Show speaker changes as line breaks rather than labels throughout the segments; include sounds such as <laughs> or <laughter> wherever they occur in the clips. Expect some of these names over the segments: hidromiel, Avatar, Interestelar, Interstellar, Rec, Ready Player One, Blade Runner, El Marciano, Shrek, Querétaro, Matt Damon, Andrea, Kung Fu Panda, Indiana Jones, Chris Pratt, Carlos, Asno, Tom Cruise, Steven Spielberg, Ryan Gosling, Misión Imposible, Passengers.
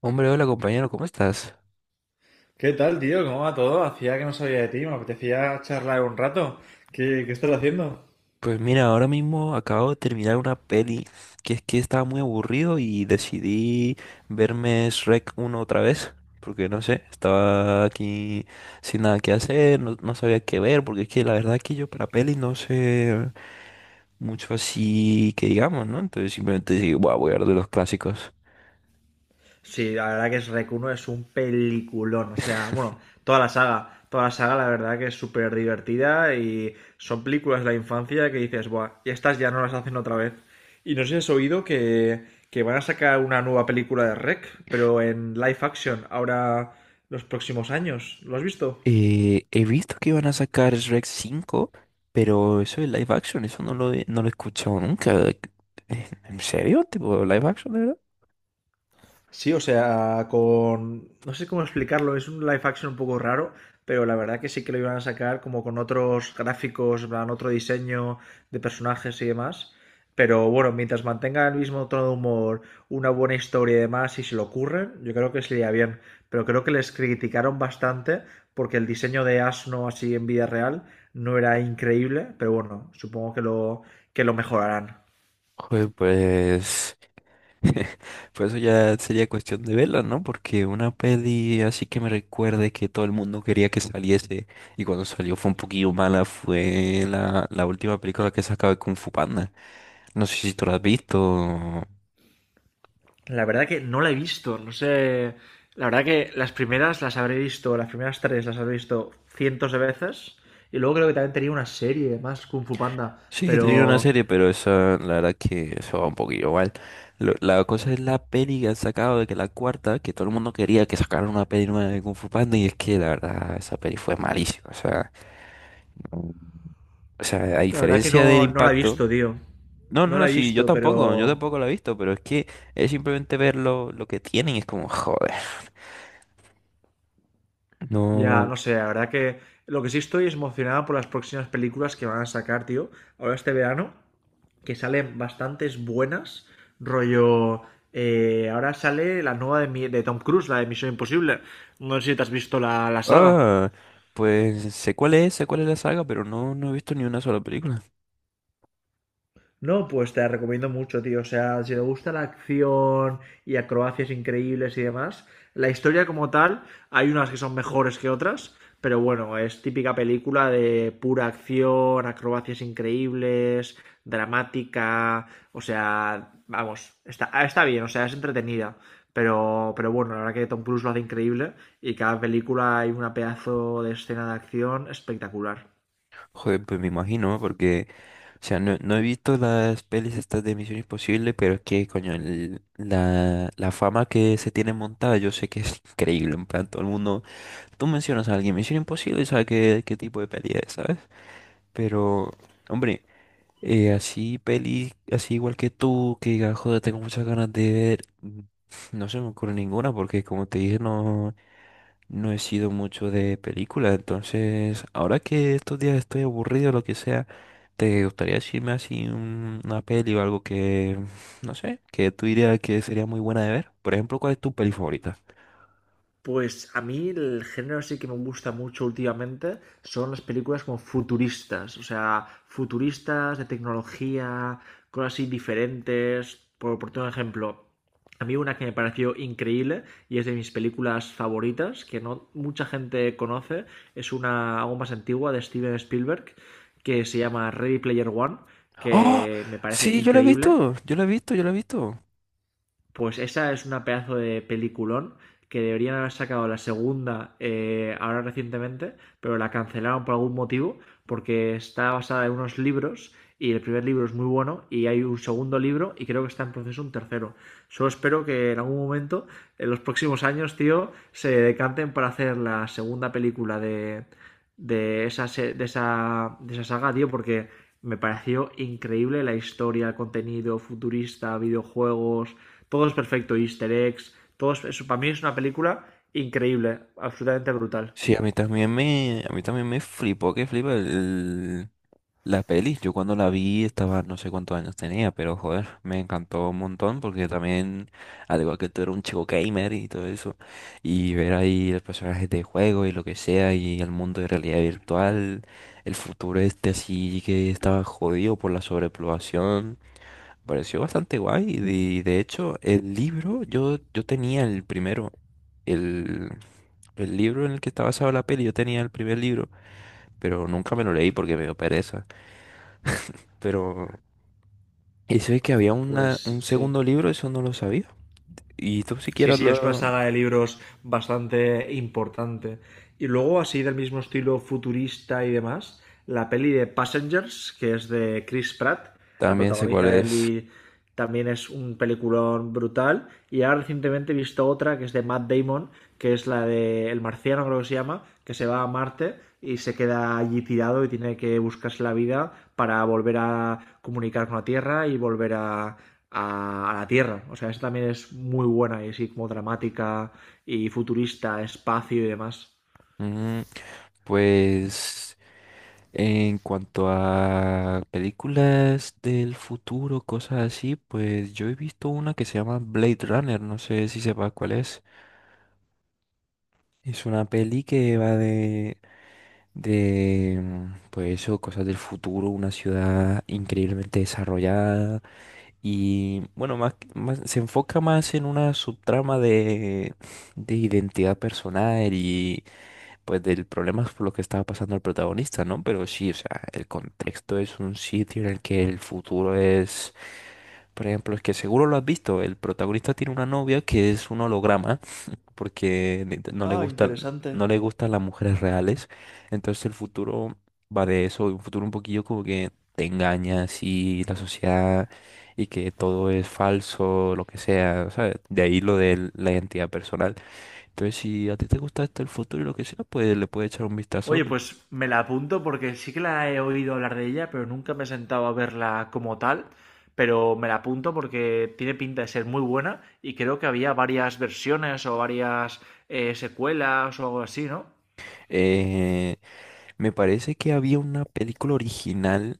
Hombre, hola compañero, ¿cómo estás?
¿Qué tal, tío? ¿Cómo va todo? Hacía que no sabía de ti, me apetecía charlar un rato. ¿Qué estás haciendo?
Pues mira, ahora mismo acabo de terminar una peli que es que estaba muy aburrido y decidí verme Shrek uno otra vez, porque no sé, estaba aquí sin nada que hacer, no, no sabía qué ver, porque es que la verdad que yo para peli no sé mucho así que digamos, ¿no? Entonces simplemente dije, "Buah, voy a ver de los clásicos".
Sí, la verdad que es Rec uno es un peliculón, o sea,
<laughs>
bueno, toda la saga la verdad que es súper divertida y son películas de la infancia que dices, buah, y estas ya no las hacen otra vez. Y no sé si has oído que van a sacar una nueva película de Rec, pero en live action, ahora los próximos años. ¿Lo has visto?
He visto que iban a sacar Shrek 5, pero eso de live action, eso no lo he escuchado nunca. ¿En serio? ¿Tipo live action, de verdad?
Sí, o sea, con... No sé cómo explicarlo, es un live action un poco raro, pero la verdad que sí que lo iban a sacar como con otros gráficos, en plan, otro diseño de personajes y demás. Pero bueno, mientras mantenga el mismo tono de humor, una buena historia y demás, y se lo ocurren, yo creo que sería bien. Pero creo que les criticaron bastante porque el diseño de Asno así en vida real no era increíble, pero bueno, supongo que lo mejorarán.
Joder, pues... <laughs> Pues eso ya sería cuestión de verla, ¿no? Porque una peli así que me recuerde que todo el mundo quería que saliese y cuando salió fue un poquillo mala fue la última película que sacaba de Kung Fu Panda. No sé si tú la has visto.
La verdad que no la he visto, no sé. La verdad que las primeras las habré visto, las primeras tres las habré visto cientos de veces. Y luego creo que también tenía una serie más, Kung Fu Panda.
Sí, tenía una
Pero
serie, pero esa, la verdad que eso va un poquillo mal. La cosa es la peli que han sacado de que la cuarta, que todo el mundo quería que sacaran una peli nueva de Kung Fu Panda, y es que la verdad, esa peli fue malísima. O sea, Mm. o sea, a
la verdad que
diferencia del
no, no la he
impacto.
visto, tío.
No, no,
No
no,
la he
sí,
visto,
yo
pero
tampoco la he visto, pero es que es simplemente ver lo que tienen, y es como, joder.
ya,
No.
no sé, la verdad que lo que sí estoy es emocionado por las próximas películas que van a sacar, tío. Ahora este verano, que salen bastantes buenas, rollo... ahora sale la nueva de Tom Cruise, la de Misión Imposible. No sé si te has visto la saga.
Ah, pues sé cuál es la saga, pero no, no he visto ni una sola película.
No, pues te la recomiendo mucho, tío. O sea, si te gusta la acción y acrobacias increíbles y demás, la historia como tal, hay unas que son mejores que otras, pero bueno, es típica película de pura acción, acrobacias increíbles, dramática, o sea, vamos, está bien, o sea, es entretenida. Pero bueno, la verdad que Tom Cruise lo hace increíble y cada película hay una pedazo de escena de acción espectacular.
Joder, pues me imagino, ¿no? Porque o sea, no, no he visto las pelis estas de Misión Imposible, pero es que, coño, la fama que se tiene montada, yo sé que es increíble. En plan, todo el mundo, tú mencionas a alguien Misión Imposible y sabes qué tipo de peli es, ¿sabes? Pero, hombre, así peli, así igual que tú, que digas, joder, tengo muchas ganas de ver, no se me ocurre ninguna, porque como te dije, no, no he sido mucho de película. Entonces, ahora que estos días estoy aburrido, lo que sea. ¿Te gustaría decirme así una peli o algo que, no sé, que tú dirías que sería muy buena de ver? Por ejemplo, ¿cuál es tu peli favorita?
Pues a mí el género sí que me gusta mucho últimamente son las películas como futuristas, o sea, futuristas de tecnología, cosas así diferentes. Por todo ejemplo, a mí una que me pareció increíble y es de mis películas favoritas, que no mucha gente conoce, es una algo más antigua de Steven Spielberg, que se llama Ready Player One,
¡Oh!
que me parece
Sí, yo la he
increíble.
visto, yo la he visto, yo la he visto.
Pues esa es una pedazo de peliculón que deberían haber sacado la segunda, ahora recientemente, pero la cancelaron por algún motivo, porque está basada en unos libros y el primer libro es muy bueno y hay un segundo libro y creo que está en proceso un tercero. Solo espero que en algún momento, en los próximos años, tío, se decanten para hacer la segunda película de, esa, de esa saga, tío, porque me pareció increíble la historia, el contenido futurista, videojuegos, todo es perfecto, easter eggs, eso. Para mí es una película increíble, absolutamente brutal.
Sí, a mí también a mí también me flipó, que flipa el. La peli, yo cuando la vi estaba, no sé cuántos años tenía, pero joder, me encantó un montón porque también, al igual que tú eres un chico gamer y todo eso, y ver ahí los personajes de juego y lo que sea, y el mundo de realidad virtual, el futuro este así que estaba jodido por la sobrepoblación, pareció bastante guay. Y de hecho, el libro, yo tenía el primero, el, el libro en el que está basado la peli, yo tenía el primer libro, pero nunca me lo leí porque me dio pereza. Pero y sé que había una, un
Pues sí.
segundo libro, eso no lo sabía. Y tú
Sí,
siquiera
sí, es una
lo...
saga de libros bastante importante. Y luego, así del mismo estilo futurista y demás, la peli de Passengers, que es de Chris Pratt, la
También sé cuál
protagoniza él
es.
y también es un peliculón brutal. Y ahora recientemente he visto otra que es de Matt Damon, que es la de El Marciano, creo que se llama, que se va a Marte y se queda allí tirado y tiene que buscarse la vida para volver a comunicar con la Tierra y volver a la Tierra. O sea, esa también es muy buena y así como dramática y futurista, espacio y demás.
Mm, pues en cuanto a películas del futuro, cosas así, pues yo he visto una que se llama Blade Runner, no sé si sepas cuál es. Es una peli que va de, pues eso, cosas del futuro, una ciudad increíblemente desarrollada. Y bueno, se enfoca más en una subtrama de identidad personal y pues del problema por lo que estaba pasando el protagonista, ¿no? Pero sí, o sea, el contexto es un sitio en el que el futuro es, por ejemplo, es que seguro lo has visto, el protagonista tiene una novia que es un holograma porque no le
Ah,
gustan,
interesante.
no le gustan las mujeres reales. Entonces el futuro va de eso, un futuro un poquillo como que te engañas y la sociedad y que todo es falso, lo que sea, ¿sabes? De ahí lo de la identidad personal. Entonces si a ti te gusta esto el futuro y lo que sea, pues le puedes echar un vistazo.
Oye, pues me la apunto porque sí que la he oído hablar de ella, pero nunca me he sentado a verla como tal. Pero me la apunto porque tiene pinta de ser muy buena y creo que había varias versiones o varias secuelas o algo así, ¿no?
Eh, me parece que había una película original,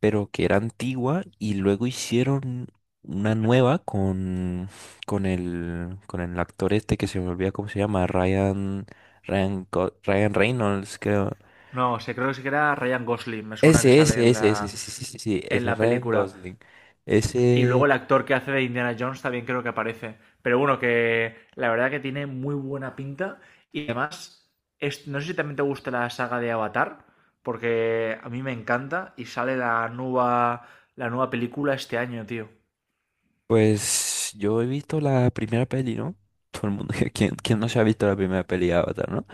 pero que era antigua y luego hicieron una nueva con, con el actor este que se me olvida cómo se llama, Ryan Reynolds, creo.
No, sé, creo que sí que era Ryan Gosling, me suena que
Ese,
sale
ese,
en
ese, ese, sí,
la,
sí, sí, sí, sí,
en
ese
la
Ryan
película.
Gosling.
Y luego
Ese,
el actor que hace de Indiana Jones también creo que aparece. Pero bueno, que la verdad que tiene muy buena pinta. Y además, es- no sé si también te gusta la saga de Avatar, porque a mí me encanta y sale la nueva película este año, tío.
pues yo he visto la primera peli, ¿no? Todo el mundo, <laughs> ¿quién, quién no se ha visto la primera peli de Avatar, ¿no?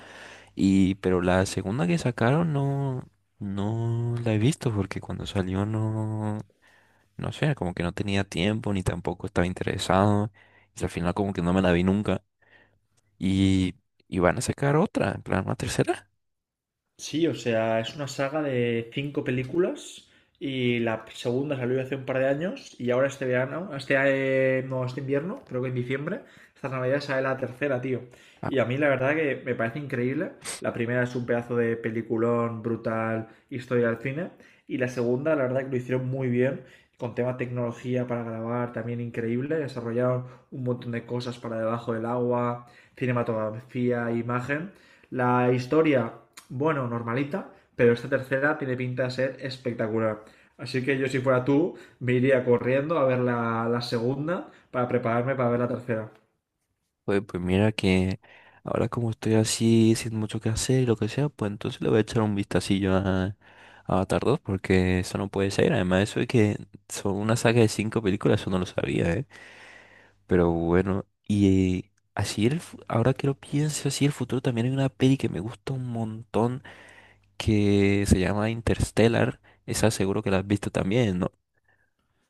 Y, pero la segunda que sacaron no, no la he visto porque cuando salió no, no sé, como que no tenía tiempo ni tampoco estaba interesado. Y al final como que no me la vi nunca. Y, y van a sacar otra, en plan, una tercera.
Sí, o sea, es una saga de cinco películas y la segunda salió hace un par de años y ahora este verano, este, no, este invierno, creo que en diciembre, esta Navidad sale la tercera, tío.
Ah,
Y a mí la verdad que me parece increíble. La primera es un pedazo de peliculón brutal, historia del cine. Y la segunda, la verdad que lo hicieron muy bien, con tema tecnología para grabar también increíble. Desarrollaron un montón de cosas para debajo del agua, cinematografía, imagen. La historia, bueno, normalita, pero esta tercera tiene pinta de ser espectacular. Así que yo si fuera tú, me iría corriendo a ver la segunda para prepararme para ver la tercera.
pues, pues mira que ahora como estoy así, sin mucho que hacer y lo que sea, pues entonces le voy a echar un vistacillo a Avatar 2 porque eso no puede ser. Además, eso de que son una saga de 5 películas, eso no lo sabía, ¿eh? Pero bueno, y... Así ahora que lo pienso, así el futuro también hay una peli que me gusta un montón que se llama Interstellar. Esa seguro que la has visto también, ¿no?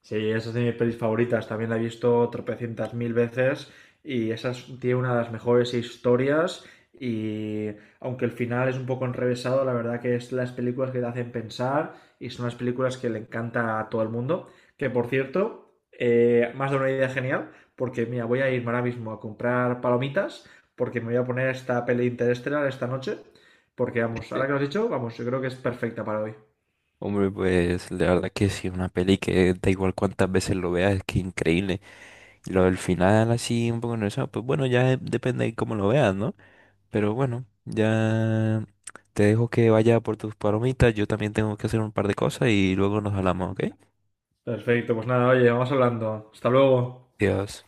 Sí, esa es de mis pelis favoritas. También la he visto tropecientas mil veces y esa es- tiene una de las mejores historias. Y aunque el final es un poco enrevesado, la verdad que es las películas que te hacen pensar y son las películas que le encanta a todo el mundo. Que por cierto, me has dado una idea genial porque mira, voy a irme ahora mismo a comprar palomitas porque me voy a poner esta peli Interestelar esta noche. Porque vamos,
Sí.
ahora que lo has dicho, vamos, yo creo que es perfecta para hoy.
Hombre, pues la verdad que sí, una peli que da igual cuántas veces lo veas, es que increíble. Y lo del final así, un poco nervioso, pues bueno, ya depende de cómo lo veas, ¿no? Pero bueno, ya te dejo que vaya por tus palomitas, yo también tengo que hacer un par de cosas y luego nos hablamos, ¿ok?
Perfecto, pues nada, oye, vamos hablando. Hasta luego.
Adiós.